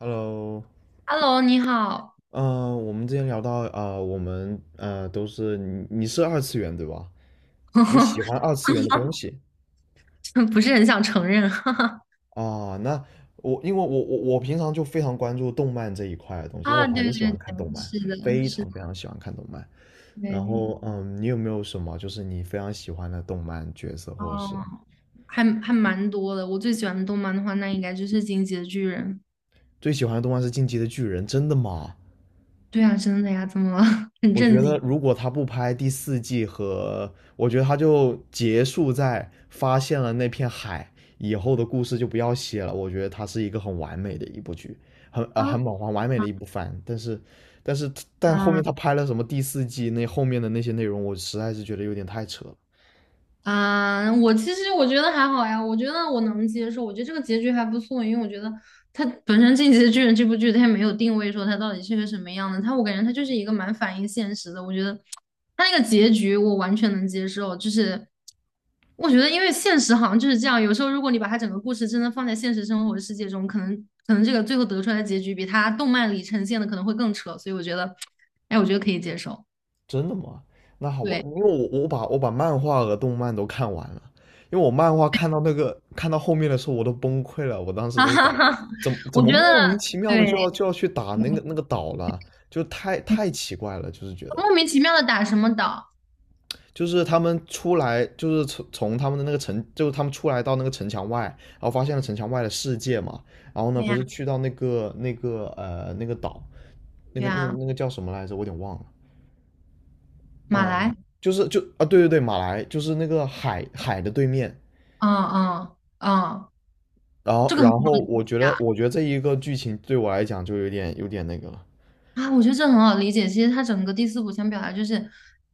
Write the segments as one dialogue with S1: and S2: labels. S1: Hello，
S2: Hello，你好。
S1: 我们之前聊到，我们都是你是二次元对吧？你喜欢 二次元的东西
S2: 不是很想承认，哈哈。
S1: 啊？那我因为我我我平常就非常关注动漫这一块的东西，因为我
S2: 啊，对
S1: 很
S2: 对
S1: 喜欢看动
S2: 对，
S1: 漫，
S2: 是的，
S1: 非
S2: 是
S1: 常
S2: 的。
S1: 非常喜欢看动漫。然
S2: 对。
S1: 后，你有没有什么就是你非常喜欢的动漫角色，或者是
S2: 哦，还蛮多的。我最喜欢的动漫的话，那应该就是《进击的巨人》。
S1: 最喜欢的动漫是《进击的巨人》？真的吗？
S2: 对啊，真的呀，怎么了？很
S1: 我觉
S2: 震
S1: 得
S2: 惊
S1: 如果他不拍第四季和，我觉得他就结束在发现了那片海以后的故事就不要写了。我觉得它是一个很完美的一部剧，很呃
S2: 啊！
S1: 很饱很完美的一部番。但是但后面
S2: 啊，
S1: 他拍了什么第四季那后面的那些内容，我实在是觉得有点太扯了。
S2: 我其实觉得还好呀，我觉得我能接受，我觉得这个结局还不错，因为我觉得它本身《进击的巨人》这部剧它也没有定位说它到底是个什么样的，它我感觉它就是一个蛮反映现实的，我觉得它那个结局我完全能接受，就是我觉得因为现实好像就是这样，有时候如果你把它整个故事真的放在现实生活的世界中，可能这个最后得出来的结局比它动漫里呈现的可能会更扯，所以我觉得，哎，我觉得可以接受。
S1: 真的吗？那好吧，
S2: 对，
S1: 因为我把漫画和动漫都看完了，因为我漫画看到后面的时候我都崩溃了，我当 时
S2: 哈
S1: 都想，
S2: 哈哈，
S1: 怎么怎
S2: 我
S1: 么
S2: 觉得
S1: 莫名其妙的
S2: 对。
S1: 就要去打那个岛了，就太奇怪了，就是觉得，
S2: 莫名其妙的打什么岛？
S1: 就是他们出来，就是从他们的那个城，就是他们出来到那个城墙外，然后发现了城墙外的世界嘛，然后呢，
S2: 对
S1: 不
S2: 呀，
S1: 是去到那个岛，那
S2: 对
S1: 个那个
S2: 呀，
S1: 那个叫什么来着，我有点忘了。
S2: 马
S1: 呃，
S2: 来，
S1: 就是就啊，对对对，马来就是那个海的对面，
S2: 嗯嗯嗯，
S1: 然后
S2: 这个很
S1: 然后我觉得
S2: 好。
S1: 我觉得这一个剧情对我来讲就有点那个了，
S2: 啊，我觉得这很好理解。其实他整个第四部想表达就是，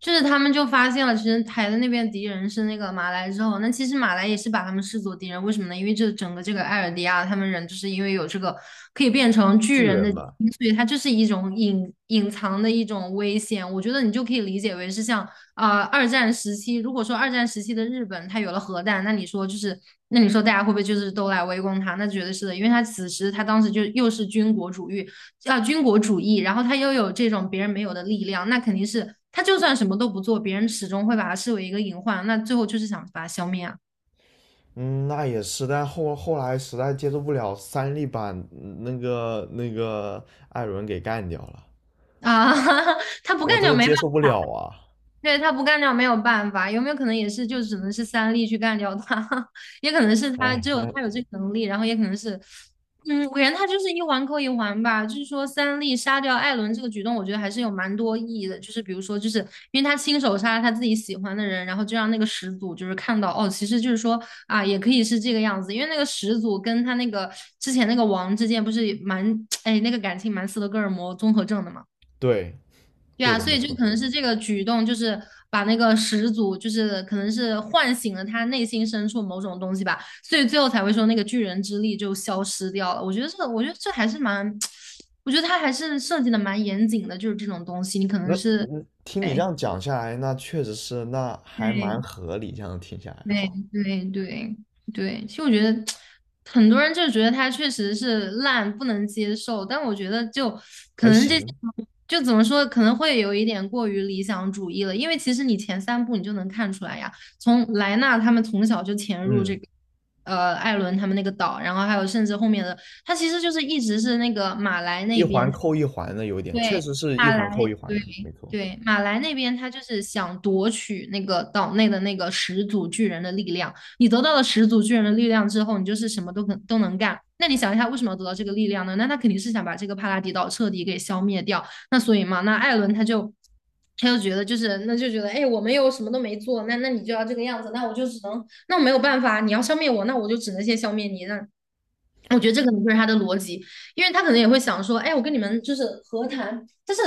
S2: 就是他们就发现了，其实台的那边敌人是那个马来之后，那其实马来也是把他们视作敌人。为什么呢？因为这整个这个艾尔迪亚他们人，就是因为有这个可以变成
S1: 巨
S2: 巨人的
S1: 人
S2: 基
S1: 吧，
S2: 因所以它就是一种隐藏的一种危险。我觉得你就可以理解为是像二战时期，如果说二战时期的日本它有了核弹，那你说就是。那你说大家会不会就是都来围攻他？那绝对是的，因为他此时他当时就又是军国主义，啊军国主义，然后他又有这种别人没有的力量，那肯定是他就算什么都不做，别人始终会把他视为一个隐患，那最后就是想把他消灭啊。
S1: 嗯，那也是，但后来实在接受不了三笠把那个艾伦给干掉了，
S2: 啊！他不
S1: 我
S2: 干
S1: 这
S2: 就
S1: 个
S2: 没办
S1: 接受不了啊。
S2: 对，他不干掉没有办法，有没有可能也是就只能是三力去干掉他？也可能是他
S1: 哎，
S2: 只有
S1: 那
S2: 他有这个能力，然后也可能是，嗯，我感觉他就是一环扣一环吧。就是说三力杀掉艾伦这个举动，我觉得还是有蛮多意义的。就是比如说，就是因为他亲手杀了他自己喜欢的人，然后就让那个始祖就是看到哦，其实就是说啊，也可以是这个样子。因为那个始祖跟他那个之前那个王之间不是蛮 哎那个感情蛮斯德哥尔摩综合症的嘛。
S1: 对，
S2: 对
S1: 对
S2: 啊，
S1: 的，
S2: 所
S1: 没
S2: 以就
S1: 错。
S2: 可能是这个举动，就是把那个始祖，就是可能是唤醒了他内心深处某种东西吧，所以最后才会说那个巨人之力就消失掉了。我觉得这个，我觉得这还是蛮，我觉得他还是设计的蛮严谨的，就是这种东西，你可能
S1: 那
S2: 是，
S1: 听你这
S2: 哎，
S1: 样讲下来，那确实是，那还蛮
S2: 对，
S1: 合理，这样听下来的
S2: 对
S1: 话，
S2: 对对对，其实我觉得很多人就觉得它确实是烂，不能接受，但我觉得就可
S1: 还
S2: 能这些
S1: 行，
S2: 就怎么说，可能会有一点过于理想主义了，因为其实你前三部你就能看出来呀，从莱纳他们从小就潜入这
S1: 嗯。
S2: 个艾伦他们那个岛，然后还有甚至后面的他其实就是一直是那个马来
S1: 一
S2: 那
S1: 环
S2: 边。
S1: 扣一环的，有点，确
S2: 对，
S1: 实是一
S2: 马
S1: 环扣
S2: 来，
S1: 一环
S2: 对
S1: 的，没错。
S2: 对，马来那边他就是想夺取那个岛内的那个始祖巨人的力量。你得到了始祖巨人的力量之后，你就是什么都能干。那你想一下，为什么要得到这个力量呢？那他肯定是想把这个帕拉迪岛彻底给消灭掉。那所以嘛，那艾伦他就他就觉得就是那就觉得，哎，我们又什么都没做，那那你就要这个样子，那我就只能那我没有办法，你要消灭我，那我就只能先消灭你，那我觉得这可能就是他的逻辑，因为他可能也会想说，哎，我跟你们就是和谈，但是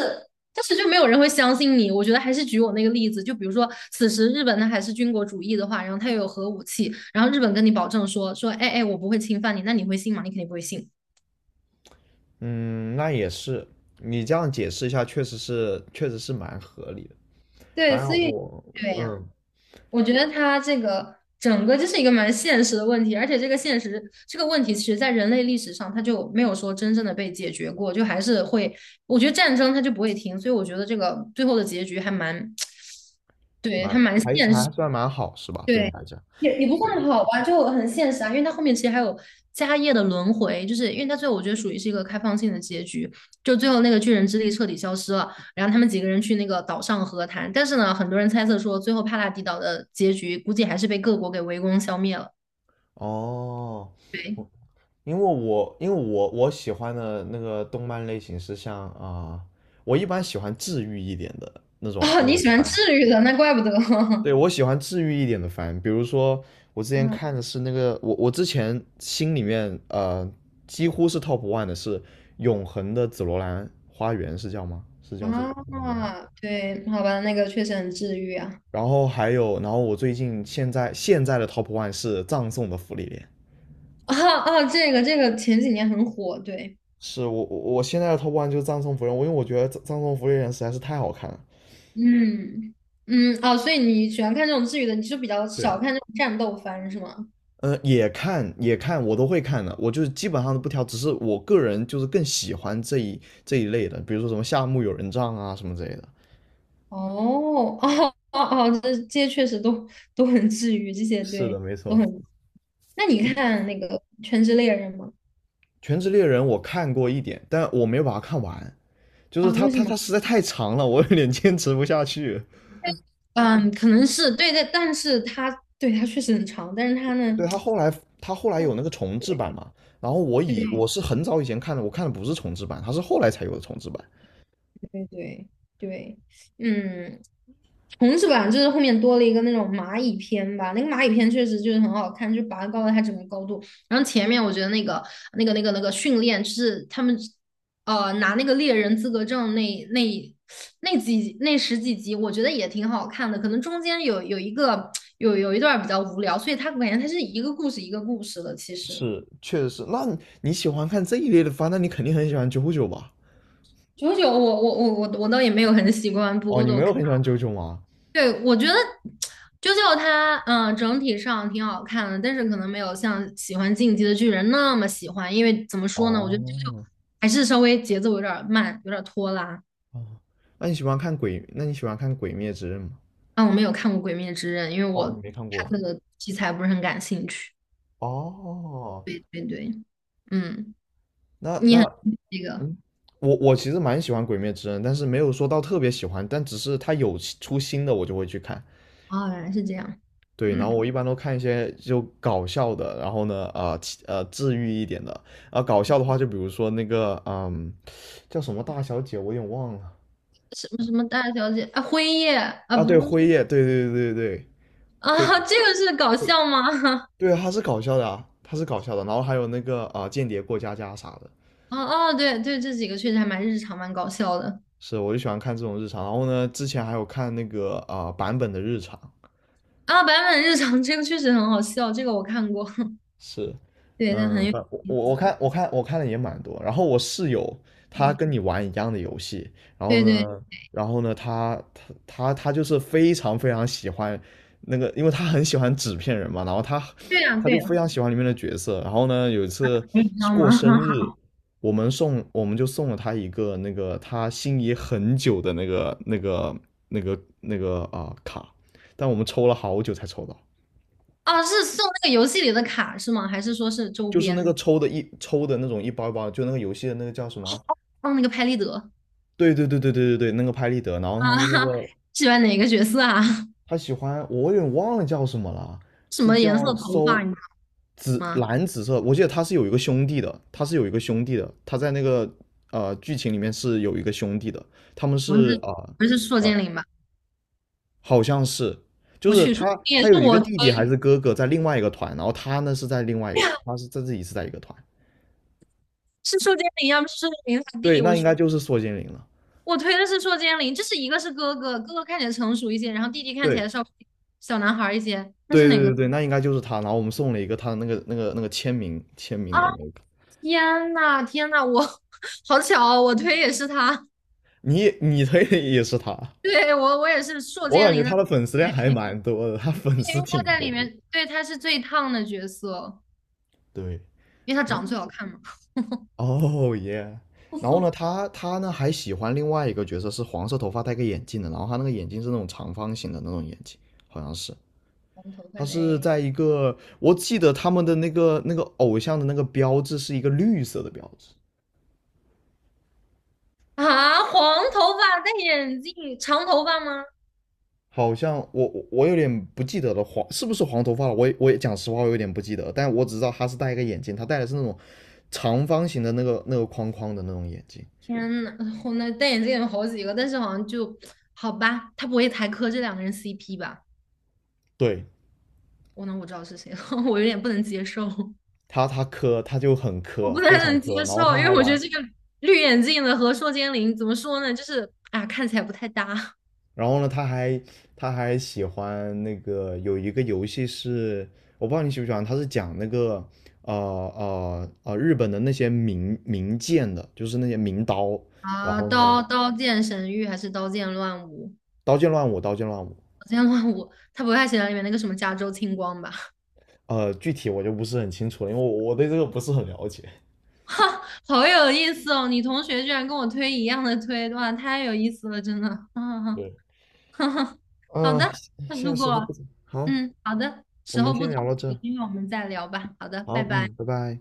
S2: 但是就没有人会相信你。我觉得还是举我那个例子，就比如说，此时日本它还是军国主义的话，然后它又有核武器，然后日本跟你保证说，哎哎，我不会侵犯你，那你会信吗？你肯定不会信。
S1: 嗯，那也是，你这样解释一下，确实是，确实是蛮合理的。
S2: 对，
S1: 反正
S2: 所以。
S1: 我，
S2: 对呀。
S1: 嗯，
S2: 我觉得它这个整个就是一个蛮现实的问题，而且这个现实这个问题，其实在人类历史上它就没有说真正的被解决过，就还是会，我觉得战争它就不会停，所以我觉得这个最后的结局还蛮，对，还
S1: 蛮
S2: 蛮
S1: 还
S2: 现实。
S1: 还算蛮好，是吧？对你
S2: 对，
S1: 来讲，
S2: 也也不
S1: 对。
S2: 算好吧，就很现实啊，因为它后面其实还有家业的轮回，就是因为它最后我觉得属于是一个开放性的结局，就最后那个巨人之力彻底消失了，然后他们几个人去那个岛上和谈，但是呢，很多人猜测说最后帕拉迪岛的结局估计还是被各国给围攻消灭了。
S1: 哦，
S2: 对，
S1: 我因为我因为我我喜欢的那个动漫类型是像我一般喜欢治愈一点的那种
S2: 哦，
S1: 那
S2: 你
S1: 种
S2: 喜欢
S1: 番。
S2: 治愈的，那怪不得。
S1: 对，我喜欢治愈一点的番，比如说我之前
S2: 嗯
S1: 看的是那个，我我之前心里面几乎是 top one 的是《永恒的紫罗兰花园》，是叫吗？是叫这个吗我忘了。
S2: 啊，对，好吧，那个确实很治愈啊。
S1: 然后还有，然后我最近现在的 top one 是《葬送的芙莉莲》，
S2: 啊啊，这个这个前几年很火，对。
S1: 是我现在的 top one 就是《葬送芙莉莲》，我因为我觉得《葬送芙莉莲》实在是太好看了。
S2: 嗯嗯哦，所以你喜欢看这种治愈的，你就比较少
S1: 对，
S2: 看这种战斗番是吗？
S1: 也看也看，我都会看的，我就是基本上都不挑，只是我个人就是更喜欢这一类的，比如说什么夏目友人帐啊什么之类的。
S2: 哦哦哦哦，这这些确实都都很治愈，这些
S1: 是的，
S2: 对
S1: 没
S2: 都
S1: 错，
S2: 很。那你看那个《全职猎人》吗？
S1: 《全职猎人》我看过一点，但我没有把它看完，就是
S2: 啊，
S1: 它
S2: 为什
S1: 它
S2: 么？
S1: 它实在太长了，我有点坚持不下去。
S2: 嗯，可能是对的，但是他对他确实很长，但是他呢，
S1: 对，它后来有那个重制版 嘛，然后
S2: 对对
S1: 我是很早以前看的，我看的不是重制版，它是后来才有的重制版。
S2: 对对对，嗯，虫子吧，就是后面多了一个那种蚂蚁篇吧，那个蚂蚁篇确实就是很好看，就拔高了它整个高度。然后前面我觉得那个那个训练，就是他们拿那个猎人资格证那十几集，我觉得也挺好看的。可能中间有一个有一段比较无聊，所以它感觉它是一个故事一个故事的。其实
S1: 是，确实是。那你喜欢看这一类的番，那你肯定很喜欢九九吧？
S2: 九九我倒也没有很喜欢，不
S1: 哦，
S2: 过
S1: 你没
S2: 都
S1: 有
S2: 看。
S1: 很喜欢九九吗？
S2: 对，我觉得啾啾它，整体上挺好看的，但是可能没有像喜欢《进击的巨人》那么喜欢，因为怎么说呢，我觉得啾啾
S1: 哦，
S2: 还是稍微节奏有点儿慢，有点儿拖拉。
S1: 哦，那你喜欢看鬼？那你喜欢看《鬼灭之刃》吗？
S2: 啊，我没有看过《鬼灭之刃》，因为我
S1: 哦，你没看
S2: 它
S1: 过。
S2: 这个题材不是很感兴趣。
S1: 哦，
S2: 对对对，嗯，
S1: 那
S2: 你很
S1: 那
S2: 这个
S1: 嗯，我其实蛮喜欢《鬼灭之刃》，但是没有说到特别喜欢，但只是它有新出新的我就会去看。
S2: 哦，原来是这样，
S1: 对，然后
S2: 嗯，
S1: 我一般都看一些就搞笑的，然后呢，呃其呃，治愈一点的。啊，搞笑的话，就比如说叫什么大小姐，我有点忘了。
S2: 什么什么大小姐啊，辉夜啊，
S1: 啊，对，
S2: 不
S1: 辉夜，对对对对对，
S2: 啊，
S1: 辉。
S2: 这个是搞笑吗？
S1: 对啊，他是搞笑的啊，他是搞笑的。然后还有那个间谍过家家啥的，
S2: 哦哦，对对，这几个确实还蛮日常，蛮搞笑的。
S1: 是，我就喜欢看这种日常。然后呢，之前还有看那个版本的日常，
S2: 啊，版本日常这个确实很好笑，这个我看过，
S1: 是，
S2: 对，它很
S1: 嗯，
S2: 有
S1: 反我我
S2: 意
S1: 我
S2: 思。
S1: 看我看我看的也蛮多。然后我室友他
S2: 哎，
S1: 跟你玩一样的游戏，然
S2: 对
S1: 后
S2: 对
S1: 呢，他就是非常非常喜欢那个，因为他很喜欢纸片人嘛，然后他
S2: 对啊，
S1: 他
S2: 对
S1: 就非
S2: 呀，
S1: 常喜欢里面的角色。然后呢，有一次
S2: 你知
S1: 是
S2: 道吗？
S1: 过 生日，我们就送了他一个那个他心仪很久的那个卡，但我们抽了好久才抽到。
S2: 啊，是送那个游戏里的卡是吗？还是说是周
S1: 就是那个
S2: 边？
S1: 抽的一抽的那种一包一包的就那个游戏的那个叫什么啊？
S2: 哦，那个拍立得
S1: 对对对对对对对，那个拍立得，然后他
S2: 啊，
S1: 是那 个
S2: 喜欢哪个角色啊？
S1: 他喜欢，我有点忘了叫什么了，
S2: 什
S1: 是
S2: 么颜色
S1: 叫
S2: 头发？
S1: 搜
S2: 你知道吗？
S1: 紫色，我记得他是有一个兄弟的，他在剧情里面是有一个兄弟的，他们
S2: 不
S1: 是
S2: 是不是硕
S1: 呃
S2: 剑
S1: 呃
S2: 灵吧？
S1: 好像是。就
S2: 我
S1: 是
S2: 去，硕
S1: 他，
S2: 剑灵也
S1: 他
S2: 是
S1: 有一个
S2: 我推，
S1: 弟弟还是哥哥在另外一个团，然后他呢是在另外一个，他是在自己是在一个团。
S2: 是硕剑灵要不是硕剑灵他
S1: 对，
S2: 弟，我
S1: 那应
S2: 去，
S1: 该就是缩精灵了。
S2: 我推的是硕剑灵，就是一个是哥哥，哥哥看起来成熟一些，然后弟弟看起
S1: 对，
S2: 来稍微小男孩儿一些，那
S1: 对
S2: 是
S1: 对
S2: 哪
S1: 对
S2: 个？
S1: 对，那应该就是他。然后我们送了一个他的那个签名
S2: 啊？
S1: 的那个，
S2: 天呐，天呐，我 好巧哦，我推也是他。
S1: 你推的也是他。
S2: 对，我我也是硕
S1: 我
S2: 尖
S1: 感觉
S2: 林的
S1: 他的粉丝量还
S2: 推。
S1: 蛮多的，他粉
S2: 对，
S1: 丝
S2: 因为他
S1: 挺
S2: 在
S1: 多
S2: 里
S1: 的。
S2: 面，对，他是最烫的角色，
S1: 对，
S2: 因为他长得最好看嘛。
S1: 哦耶。然后呢，他呢还喜欢另外一个角色，是黄色头发戴个眼镜的，然后他那个眼镜是那种长方形的那种眼镜，好像是。
S2: 黄头发
S1: 他
S2: 戴
S1: 是
S2: 眼
S1: 在一个，我记得他们的那个偶像的那个标志是一个绿色的标志。
S2: 啊，黄头发戴眼镜，长头发吗？
S1: 好像我有点不记得了，是不是黄头发了？我也讲实话，我有点不记得，但我只知道他是戴一个眼镜，他戴的是那种长方形的那个框框的那种眼镜。
S2: 天呐，我那戴眼镜有好几个，但是好像就好吧，他不会才磕这两个人 CP 吧？
S1: 对，
S2: 我那我知道是谁了，我有点不能接受。
S1: 他磕，他就很
S2: 我
S1: 磕，
S2: 不太
S1: 非常
S2: 能接
S1: 磕。然后
S2: 受，
S1: 他
S2: 因
S1: 还
S2: 为我觉得
S1: 玩，
S2: 这个绿眼镜的和硕尖翎怎么说呢，就是啊，看起来不太搭
S1: 然后呢，他还喜欢那个有一个游戏是，我不知道你喜不喜欢，他是讲那个日本的那些名剑的，就是那些名刀。然
S2: 啊。
S1: 后呢，
S2: 刀剑神域还是刀剑乱舞？
S1: 刀剑乱舞，刀剑乱舞。
S2: 刀剑乱舞，他不太喜欢里面那个什么加州青光吧？
S1: 具体我就不是很清楚了，因为我对这个不是很了解。
S2: 哈，好有意思哦！你同学居然跟我推一样的推，哇，太有意思了，真的。啊，
S1: 对，
S2: 哈哈，好
S1: 呃，
S2: 的，那
S1: 现
S2: 如
S1: 在时候不
S2: 果
S1: 早，好，
S2: 嗯，好的，
S1: 我
S2: 时候
S1: 们
S2: 不
S1: 先
S2: 早
S1: 聊
S2: 了，
S1: 到
S2: 有
S1: 这。
S2: 机会我们再聊吧。好的，拜
S1: 好，
S2: 拜。
S1: 嗯，拜拜。